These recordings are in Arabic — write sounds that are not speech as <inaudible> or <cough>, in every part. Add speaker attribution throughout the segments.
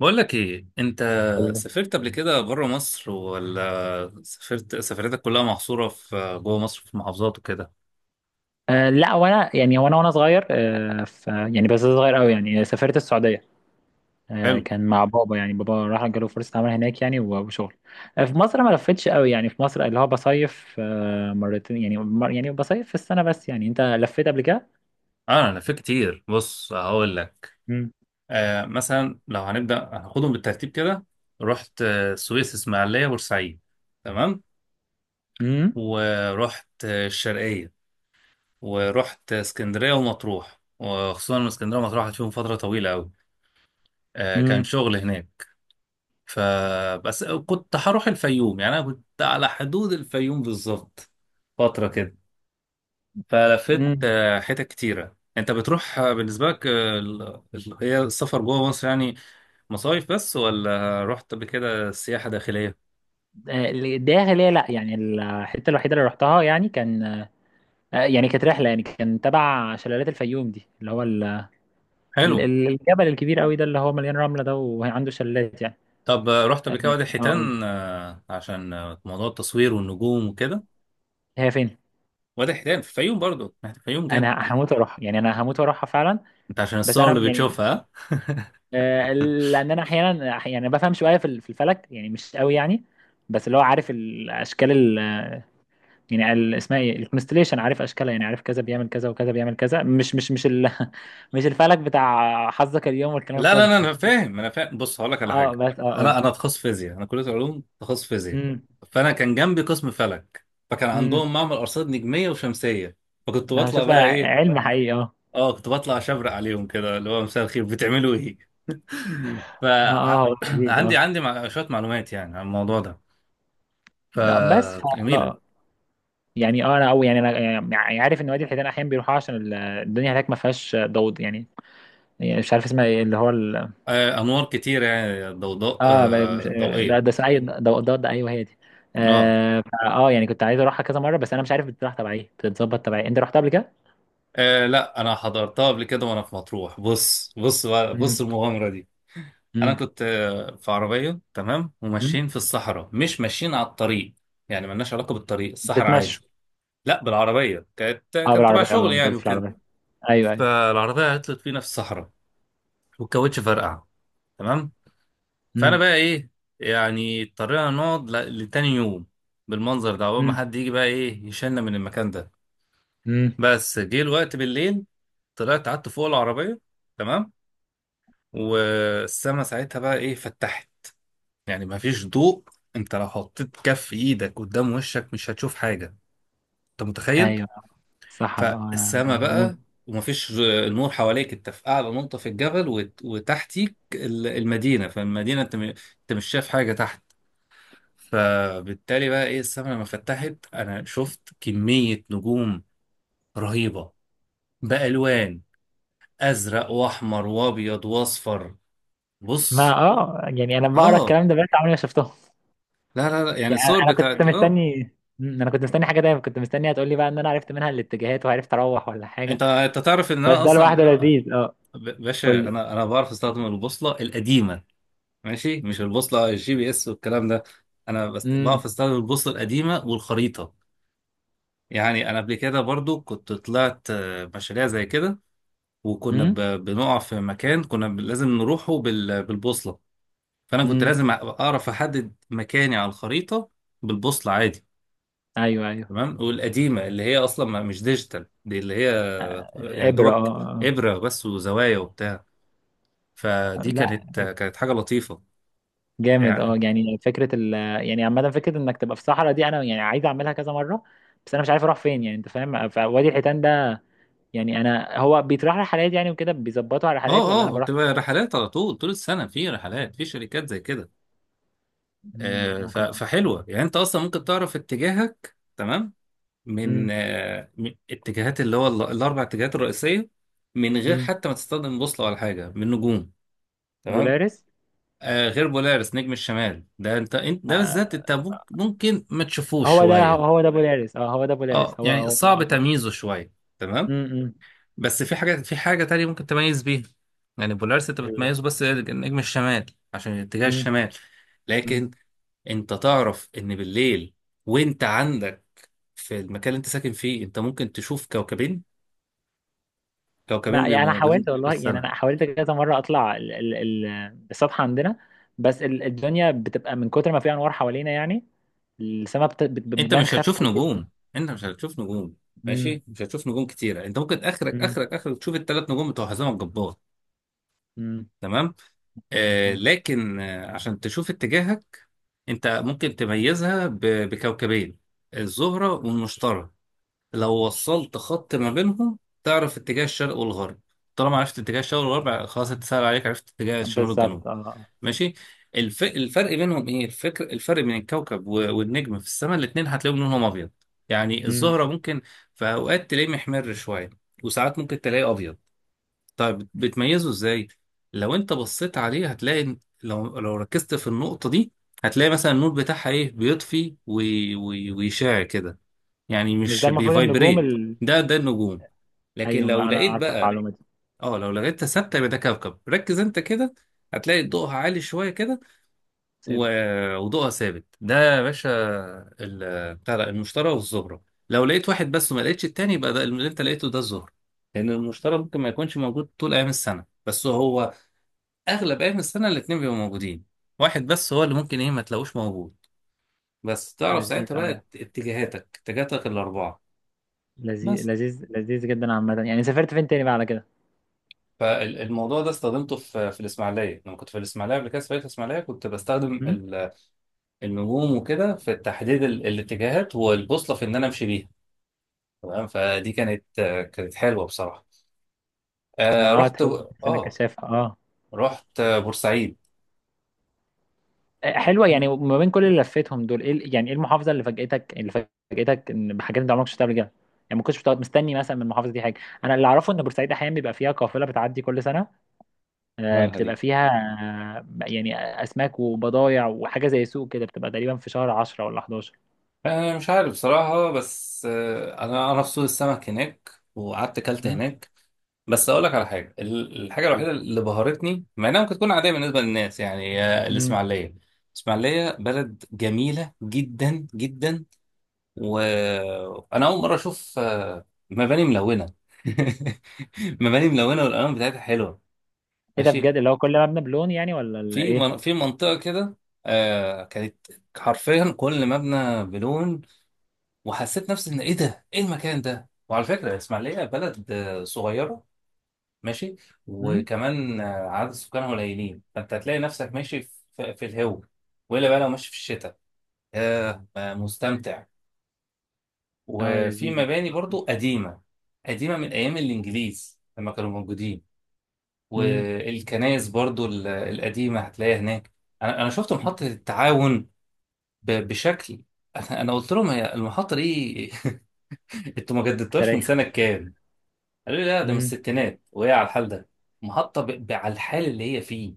Speaker 1: بقول لك ايه انت،
Speaker 2: أيوة.
Speaker 1: سافرت قبل كده بره مصر، ولا سافرت سفريتك كلها محصوره في جوه مصر في محافظات وكده؟
Speaker 2: آه لا، وانا يعني وانا صغير، آه ف يعني بس صغير قوي، يعني سافرت السعوديه. آه،
Speaker 1: حلو.
Speaker 2: كان مع بابا، يعني بابا راح جاله فرصه عمل هناك يعني وشغل. آه، في مصر ما لفتش قوي، يعني في مصر اللي هو بصيف آه مرتين، يعني مر يعني بصيف في السنه بس. يعني انت لفيت قبل كده؟
Speaker 1: اه، انا في كتير، بص هقول لك.
Speaker 2: مم.
Speaker 1: مثلا لو هنبدا هناخدهم بالترتيب كده. رحت السويس، اسماعيليه، بورسعيد. تمام.
Speaker 2: امم.
Speaker 1: ورحت الشرقيه. ورحت اسكندريه ومطروح، وخصوصا إن اسكندريه ومطروح قعدت فيهم فتره طويله قوي. كان
Speaker 2: امم.
Speaker 1: شغل هناك. فبس كنت هروح الفيوم، يعني انا كنت على حدود الفيوم بالظبط فتره كده. فلفت
Speaker 2: امم.
Speaker 1: حتت كتيره، انت بتروح بالنسبه لك هي السفر جوه مصر يعني. مصايف بس، ولا رحت قبل كده سياحه داخليه؟
Speaker 2: داخلية، لا، يعني الحتة الوحيدة اللي رحتها يعني كان آه، يعني كانت رحلة، يعني كان تبع شلالات الفيوم دي، اللي هو
Speaker 1: حلو.
Speaker 2: الجبل الكبير قوي ده، اللي هو مليان رملة ده وعنده شلالات يعني.
Speaker 1: طب رحت
Speaker 2: آه،
Speaker 1: قبل كده وادي
Speaker 2: اقول،
Speaker 1: الحيتان عشان موضوع التصوير والنجوم وكده.
Speaker 2: هي فين؟
Speaker 1: وادي الحيتان في الفيوم، برضو في الفيوم كده.
Speaker 2: انا هموت واروحها، يعني انا هموت واروحها فعلا.
Speaker 1: انت عشان
Speaker 2: بس
Speaker 1: الصور
Speaker 2: انا
Speaker 1: اللي
Speaker 2: يعني
Speaker 1: بتشوفها، ها؟
Speaker 2: آه،
Speaker 1: <laughs>
Speaker 2: لان انا احيانا يعني بفهم شويه في في الفلك، يعني مش قوي يعني. بس اللي هو عارف الاشكال يعني اسمها ايه؟ الكونستليشن، عارف اشكالها، يعني عارف كذا بيعمل كذا وكذا بيعمل كذا. مش ال <laughs> مش الفلك بتاع حظك اليوم والكلام
Speaker 1: لا لا
Speaker 2: الفاضي
Speaker 1: لا،
Speaker 2: ده.
Speaker 1: انا فاهم، انا فاهم، بص هقول لك على
Speaker 2: اه
Speaker 1: حاجه.
Speaker 2: بس اه
Speaker 1: انا
Speaker 2: قول.
Speaker 1: انا تخصص فيزياء، انا كليه علوم تخصص فيزياء.
Speaker 2: امم.
Speaker 1: فانا كان جنبي قسم فلك، فكان
Speaker 2: امم.
Speaker 1: عندهم معمل ارصاد نجميه وشمسيه. فكنت بطلع
Speaker 2: هشوفها
Speaker 1: بقى ايه.
Speaker 2: علم حقيقي اه.
Speaker 1: اه، كنت بطلع اشبرق عليهم كده، اللي هو مساء الخير بتعملوا ايه. <laughs>
Speaker 2: اه آه، هو
Speaker 1: فعندي <clears throat>
Speaker 2: لذيذ اه.
Speaker 1: شويه معلومات يعني عن الموضوع ده.
Speaker 2: لا، بس
Speaker 1: فجميله.
Speaker 2: آه. يعني اه انا او يعني انا يعني يعني عارف ان وادي الحيتان احيانا بيروحوا عشان الدنيا هناك ما فيهاش ضوض يعني. يعني مش عارف اسمها ايه؟ اللي هو ال...
Speaker 1: انوار كتير، يعني ضوضاء
Speaker 2: اه ب- مش... ده
Speaker 1: ضوئيه.
Speaker 2: ده اي ضوضاء، ايوه هي دي.
Speaker 1: اه
Speaker 2: اه فا آه، يعني كنت عايز اروحها كذا مره، بس انا مش عارف بتروح تبع ايه؟ بتتظبط تبع ايه؟ انت رحتها قبل كده؟
Speaker 1: آه لا، انا حضرتها قبل كده وانا في مطروح، بص
Speaker 2: مم.
Speaker 1: المغامره دي. انا
Speaker 2: مم.
Speaker 1: كنت في عربيه، تمام،
Speaker 2: مم.
Speaker 1: وماشيين في الصحراء، مش ماشيين على الطريق. يعني ملناش علاقه بالطريق، الصحراء عادي.
Speaker 2: بتتمشوا؟
Speaker 1: لا، بالعربيه كانت
Speaker 2: اه
Speaker 1: كان تبع
Speaker 2: بالعربيه،
Speaker 1: شغل
Speaker 2: اه انت
Speaker 1: يعني
Speaker 2: قلت في
Speaker 1: وكده.
Speaker 2: العربيه. ايوه ايوه.
Speaker 1: فالعربيه عطلت فينا في الصحراء، والكاوتش فرقع. تمام. فانا
Speaker 2: مم.
Speaker 1: بقى ايه، يعني اضطرينا نقعد لتاني يوم بالمنظر ده، عقبال ما
Speaker 2: مم.
Speaker 1: حد يجي بقى ايه يشيلنا من المكان ده.
Speaker 2: مم.
Speaker 1: بس جه الوقت بالليل، طلعت قعدت فوق العربيه. تمام. والسما ساعتها بقى ايه فتحت، يعني مفيش ضوء. انت لو حطيت كف ايدك قدام وشك مش هتشوف حاجة. انت متخيل؟
Speaker 2: ايوه، صحراء اه، انا
Speaker 1: فالسما
Speaker 2: آه، هموت.
Speaker 1: بقى، ومفيش نور حواليك، انت في اعلى نقطة في الجبل، وتحتيك المدينة، فالمدينة انت انت مش شايف حاجة تحت. فبالتالي بقى ايه السما لما فتحت انا شفت كمية نجوم رهيبة، بألوان، ازرق واحمر وابيض واصفر.
Speaker 2: ما
Speaker 1: بص.
Speaker 2: اه، يعني انا بقرا
Speaker 1: اه،
Speaker 2: الكلام ده، بقيت عمري ما شفتهم.
Speaker 1: لا لا لا، يعني
Speaker 2: يعني
Speaker 1: الصور
Speaker 2: انا كنت
Speaker 1: بتاعت اه
Speaker 2: مستني. مم، انا كنت مستني حاجه، دايما كنت مستني هتقول لي بقى ان انا عرفت منها الاتجاهات وعرفت اروح، ولا حاجه.
Speaker 1: انت تعرف ان
Speaker 2: بس
Speaker 1: انا
Speaker 2: ده
Speaker 1: اصلا،
Speaker 2: لوحده لذيذ اه. قول
Speaker 1: باشا،
Speaker 2: لي.
Speaker 1: انا بعرف استخدم البوصله القديمه، ماشي، مش البوصله الـGPS والكلام ده. انا بس
Speaker 2: امم.
Speaker 1: بعرف استخدم البوصله القديمه والخريطه. يعني انا قبل كده برضو كنت طلعت مشاريع زي كده، وكنا
Speaker 2: امم.
Speaker 1: بنقع في مكان، كنا لازم نروحه بالبوصله. فانا كنت
Speaker 2: امم.
Speaker 1: لازم اعرف احدد مكاني على الخريطه بالبوصله عادي.
Speaker 2: ايوه ايوه.
Speaker 1: تمام. والقديمه اللي هي اصلا مش ديجيتال، دي اللي هي يعني
Speaker 2: ابره اه
Speaker 1: دوبك،
Speaker 2: آه،
Speaker 1: ابره بس وزوايا وبتاع.
Speaker 2: آه.
Speaker 1: فدي
Speaker 2: لا،
Speaker 1: كانت حاجه لطيفه.
Speaker 2: جامد اه،
Speaker 1: يعني
Speaker 2: يعني فكره يعني عامه فكره انك تبقى في صحراء دي، انا يعني عايز اعملها كذا مره، بس انا مش عارف اروح فين، يعني انت فاهم؟ فوادي الحيتان ده، يعني انا هو بيتراح رحلات يعني وكده؟ بيظبطوا على
Speaker 1: اه.
Speaker 2: رحلات، ولا انا
Speaker 1: اه،
Speaker 2: بروح؟
Speaker 1: بتبقى رحلات على طول، طول السنة، في رحلات في شركات زي كده.
Speaker 2: امم، هو كان.
Speaker 1: فحلوة، يعني انت اصلا ممكن تعرف اتجاهك تمام من
Speaker 2: امم.
Speaker 1: من اتجاهات اللي هو الاربع اتجاهات الرئيسية، من غير
Speaker 2: امم.
Speaker 1: حتى ما تستخدم بوصلة ولا حاجة، من نجوم. تمام.
Speaker 2: بولاريس.
Speaker 1: غير بولارس نجم الشمال ده، انت ده بالذات انت ممكن ما تشوفوش
Speaker 2: هو ده،
Speaker 1: شوية.
Speaker 2: هو ده بولاريس، اه هو ده
Speaker 1: اه،
Speaker 2: بولاريس، هو
Speaker 1: يعني
Speaker 2: هو
Speaker 1: صعب
Speaker 2: اه.
Speaker 1: تمييزه شوية. تمام.
Speaker 2: امم.
Speaker 1: بس في حاجة تانية ممكن تميز بيها. يعني بولارس انت
Speaker 2: ال-.
Speaker 1: بتميزه، بس نجم الشمال عشان اتجاه
Speaker 2: امم.
Speaker 1: الشمال.
Speaker 2: امم.
Speaker 1: لكن انت تعرف ان بالليل، وانت عندك في المكان اللي انت ساكن فيه، انت ممكن تشوف كوكبين، كوكبين
Speaker 2: ما يعني
Speaker 1: بيبقوا
Speaker 2: انا
Speaker 1: موجودين
Speaker 2: حاولت
Speaker 1: طول
Speaker 2: والله، يعني
Speaker 1: السنة.
Speaker 2: انا حاولت كذا مره اطلع ال السطح عندنا، بس الدنيا بتبقى من كتر ما في انوار حوالينا، يعني السماء
Speaker 1: انت
Speaker 2: بتبان
Speaker 1: مش
Speaker 2: خافته
Speaker 1: هتشوف
Speaker 2: جدا.
Speaker 1: نجوم. انت مش هتشوف نجوم.
Speaker 2: امم.
Speaker 1: ماشي، مش هتشوف نجوم كتيرة، انت ممكن اخرك
Speaker 2: امم.
Speaker 1: اخرك اخرك تشوف الثلاث نجوم بتوع حزام الجبار.
Speaker 2: امم.
Speaker 1: تمام.
Speaker 2: آه، آه.
Speaker 1: لكن عشان تشوف اتجاهك، انت ممكن تميزها بكوكبين، الزهرة والمشتري. لو وصلت خط ما بينهم تعرف اتجاه الشرق والغرب. طالما عرفت اتجاه الشرق والغرب، خلاص، انت سهل عليك عرفت اتجاه الشمال والجنوب.
Speaker 2: بالظبط اه آه.
Speaker 1: ماشي. الفرق بينهم ايه، الفرق بين الكوكب والنجم في السماء، الاتنين هتلاقيهم لونهم ابيض. يعني
Speaker 2: امم.
Speaker 1: الزهرة ممكن في اوقات تلاقيه محمر شوية، وساعات ممكن تلاقيه ابيض. طيب بتميزه ازاي؟ لو انت بصيت عليه هتلاقي لو ركزت في النقطة دي، هتلاقي مثلا النور بتاعها ايه بيطفي ويشع كده، يعني
Speaker 2: مش
Speaker 1: مش
Speaker 2: ده المفروض النجوم
Speaker 1: بيفايبريت.
Speaker 2: ال...؟
Speaker 1: ده النجوم. لكن
Speaker 2: ايوه، ما
Speaker 1: لو
Speaker 2: انا
Speaker 1: لقيت
Speaker 2: عارف
Speaker 1: بقى،
Speaker 2: المعلومه دي.
Speaker 1: اه لو لقيتها ثابتة يبقى ده كوكب، ركز انت كده، هتلاقي ضوءها عالي شوية كده،
Speaker 2: ثابت.
Speaker 1: وضوءها ثابت ده يا باشا. بتاع ده، المشتري والزهرة. لو لقيت واحد بس وما لقيتش التاني، يبقى ده اللي انت لقيته ده الزهرة، لأن المشتري ممكن ما يكونش موجود طول أيام السنة، بس هو اغلب ايام السنه الاتنين بيبقوا موجودين. واحد بس هو اللي ممكن ايه ما تلاقوش موجود. بس تعرف
Speaker 2: لذيذ
Speaker 1: ساعتها بقى
Speaker 2: اه.
Speaker 1: اتجاهاتك الاربعه.
Speaker 2: لذيذ
Speaker 1: بس،
Speaker 2: لذيذ لذيذ جدا. عامه يعني سافرت فين تاني بقى على كده؟
Speaker 1: فالموضوع ده استخدمته في الاسماعيليه، لما كنت في الاسماعيليه قبل كده في فريق الاسماعيليه، كنت بستخدم النجوم وكده في تحديد الاتجاهات والبوصله في ان انا امشي بيها. تمام. فدي كانت كانت حلوه بصراحه. آه
Speaker 2: ما اه،
Speaker 1: رحت
Speaker 2: تحس انها
Speaker 1: اه
Speaker 2: كثافه اه.
Speaker 1: رحت بورسعيد.
Speaker 2: آه، حلوه، يعني ما بين كل اللي لفيتهم دول، ايه يعني ايه المحافظه اللي فاجئتك، اللي فاجئتك ان بحاجات انت عمرك شفتها قبل كده؟ يعني ما كنتش بتقعد مستني مثلا من المحافظه دي حاجه. انا اللي اعرفه ان بورسعيد احيانا بيبقى فيها قافله بتعدي كل سنه، آه،
Speaker 1: مالها
Speaker 2: بتبقى
Speaker 1: دي؟
Speaker 2: فيها آه، يعني اسماك وبضايع وحاجه زي سوق كده، بتبقى تقريبا في شهر 10 ولا 11.
Speaker 1: أه، مش عارف بصراحة، بس أنا في سوق السمك هناك، وقعدت أكلت
Speaker 2: امم.
Speaker 1: هناك. بس أقول لك على حاجة، الحاجة
Speaker 2: حلو.
Speaker 1: الوحيدة اللي بهرتني، مع إنها ممكن تكون عادية بالنسبة للناس، يعني
Speaker 2: امم.
Speaker 1: الإسماعيلية. الإسماعيلية بلد جميلة جدا جدا، وأنا أول مرة أشوف مباني ملونة. <laughs> مباني ملونة، والألوان بتاعتها حلوة.
Speaker 2: ايه ده
Speaker 1: ماشي.
Speaker 2: بجد؟ اللي هو كل مبنى بلون، يعني ولا ايه؟
Speaker 1: في منطقة كده كانت حرفيا كل مبنى بلون، وحسيت نفسي ان ايه ده، ايه المكان ده. وعلى فكره الاسماعيليه بلد صغيره. ماشي،
Speaker 2: امم.
Speaker 1: وكمان عدد سكانها قليلين، فانت هتلاقي نفسك ماشي في الهو، والا بقى لو ماشي في الشتاء، ياه مستمتع.
Speaker 2: اه
Speaker 1: وفي
Speaker 2: لذيذ.
Speaker 1: مباني برضو قديمه، قديمه من ايام الانجليز لما كانوا موجودين،
Speaker 2: امم.
Speaker 1: والكنائس برضو القديمه هتلاقيها هناك. انا شفت محطه التعاون بشكل <laughs> انا قلت لهم هي المحطه دي، <laughs> انتوا ما جددتوهاش من
Speaker 2: اثريه.
Speaker 1: سنه كام؟ قالوا لي لا، ده من الستينات وهي على الحال ده، محطة على الحال اللي هي فيه،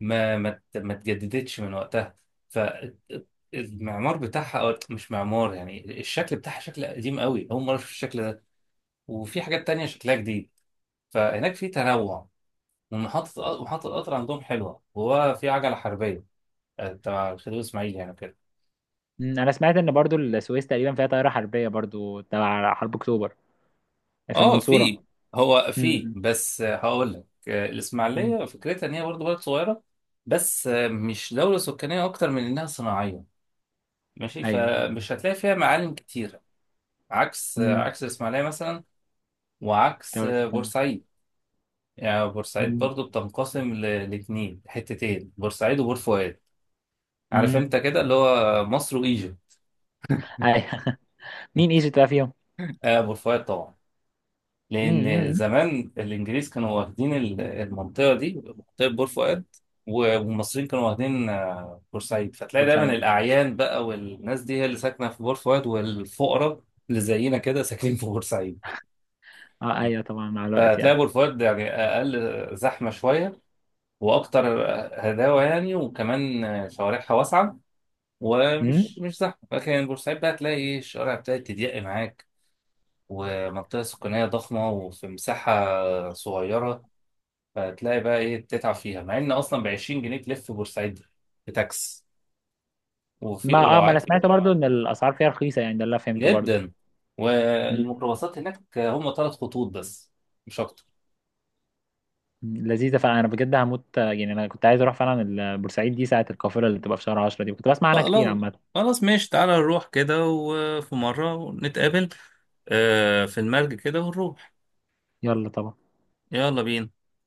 Speaker 1: ما اتجددتش من وقتها. فالمعمار بتاعها، أو مش معمار يعني الشكل بتاعها، شكل قديم قوي، أول مرة أشوف الشكل ده، وفي حاجات تانية شكلها جديد، فهناك في تنوع. ومحطة محطة القطر عندهم حلوة، وهو في عجلة حربية تبع الخديوي إسماعيل يعني.
Speaker 2: مم، انا سمعت ان برضو السويس تقريبا فيها طائرة حربية برضو تبع حرب اكتوبر، في
Speaker 1: اه، في.
Speaker 2: المنصورة.
Speaker 1: هو في
Speaker 2: مم،
Speaker 1: بس هقول لك،
Speaker 2: مم،
Speaker 1: الاسماعيليه فكرتها ان هي برضه بلد صغيره، بس مش دوله سكانيه اكتر من انها صناعيه. ماشي،
Speaker 2: ايوه.
Speaker 1: فمش هتلاقي فيها معالم كتيره، عكس آه،
Speaker 2: امم.
Speaker 1: عكس الاسماعيليه مثلا، وعكس
Speaker 2: دولة السلطنة.
Speaker 1: بورسعيد. يعني بورسعيد
Speaker 2: مم،
Speaker 1: برضه بتنقسم لاتنين حتتين، بورسعيد وبور فؤاد، عارف
Speaker 2: مم،
Speaker 1: انت كده، اللي هو مصر وايجيبت.
Speaker 2: ايوه <laughs> مين ايجيبت بقى فيهم؟
Speaker 1: بور فؤاد طبعا،
Speaker 2: مم،
Speaker 1: لأن
Speaker 2: مم،
Speaker 1: زمان الإنجليز كانوا واخدين المنطقة دي، منطقة بور فؤاد، و- والمصريين كانوا واخدين بورسعيد. فتلاقي دايما
Speaker 2: بورسعيد.
Speaker 1: الأعيان بقى، والناس دي هي اللي ساكنة في بور فؤاد، والفقراء اللي زينا كده ساكنين في بورسعيد.
Speaker 2: اه ايوه طبعا، مع الوقت
Speaker 1: فتلاقي
Speaker 2: يعني.
Speaker 1: بور فؤاد يعني أقل زحمة شوية، وأكتر هداوة يعني، وكمان شوارعها واسعة،
Speaker 2: مم.
Speaker 1: ومش مش زحمة. لكن بورسعيد بقى تلاقي إيه الشوارع بتاعت تضيق معاك، ومنطقة سكانية ضخمة، وفي مساحة صغيرة. فتلاقي بقى ايه تتعب فيها، مع ان اصلا ب 20 جنيه تلف بورسعيد بتاكس. وفي
Speaker 2: ما اه،
Speaker 1: ولو
Speaker 2: ما انا
Speaker 1: عايز <laughs>
Speaker 2: سمعت برضو ان الاسعار فيها رخيصة، يعني ده اللي أنا فهمته برضو.
Speaker 1: جدا.
Speaker 2: مم،
Speaker 1: والميكروباصات هناك هم ثلاث خطوط بس، مش اكتر.
Speaker 2: مم، لذيذة فعلا، انا بجد هموت آه، يعني انا كنت عايز اروح فعلا بورسعيد دي ساعة القافلة اللي بتبقى في شهر 10 دي، كنت بسمع عنها كتير
Speaker 1: خلاص،
Speaker 2: عامة.
Speaker 1: خلاص، ماشي، تعالى نروح كده، وفي مرة نتقابل في المرج كده، ونروح.
Speaker 2: يلا طبعا.
Speaker 1: يلا بينا.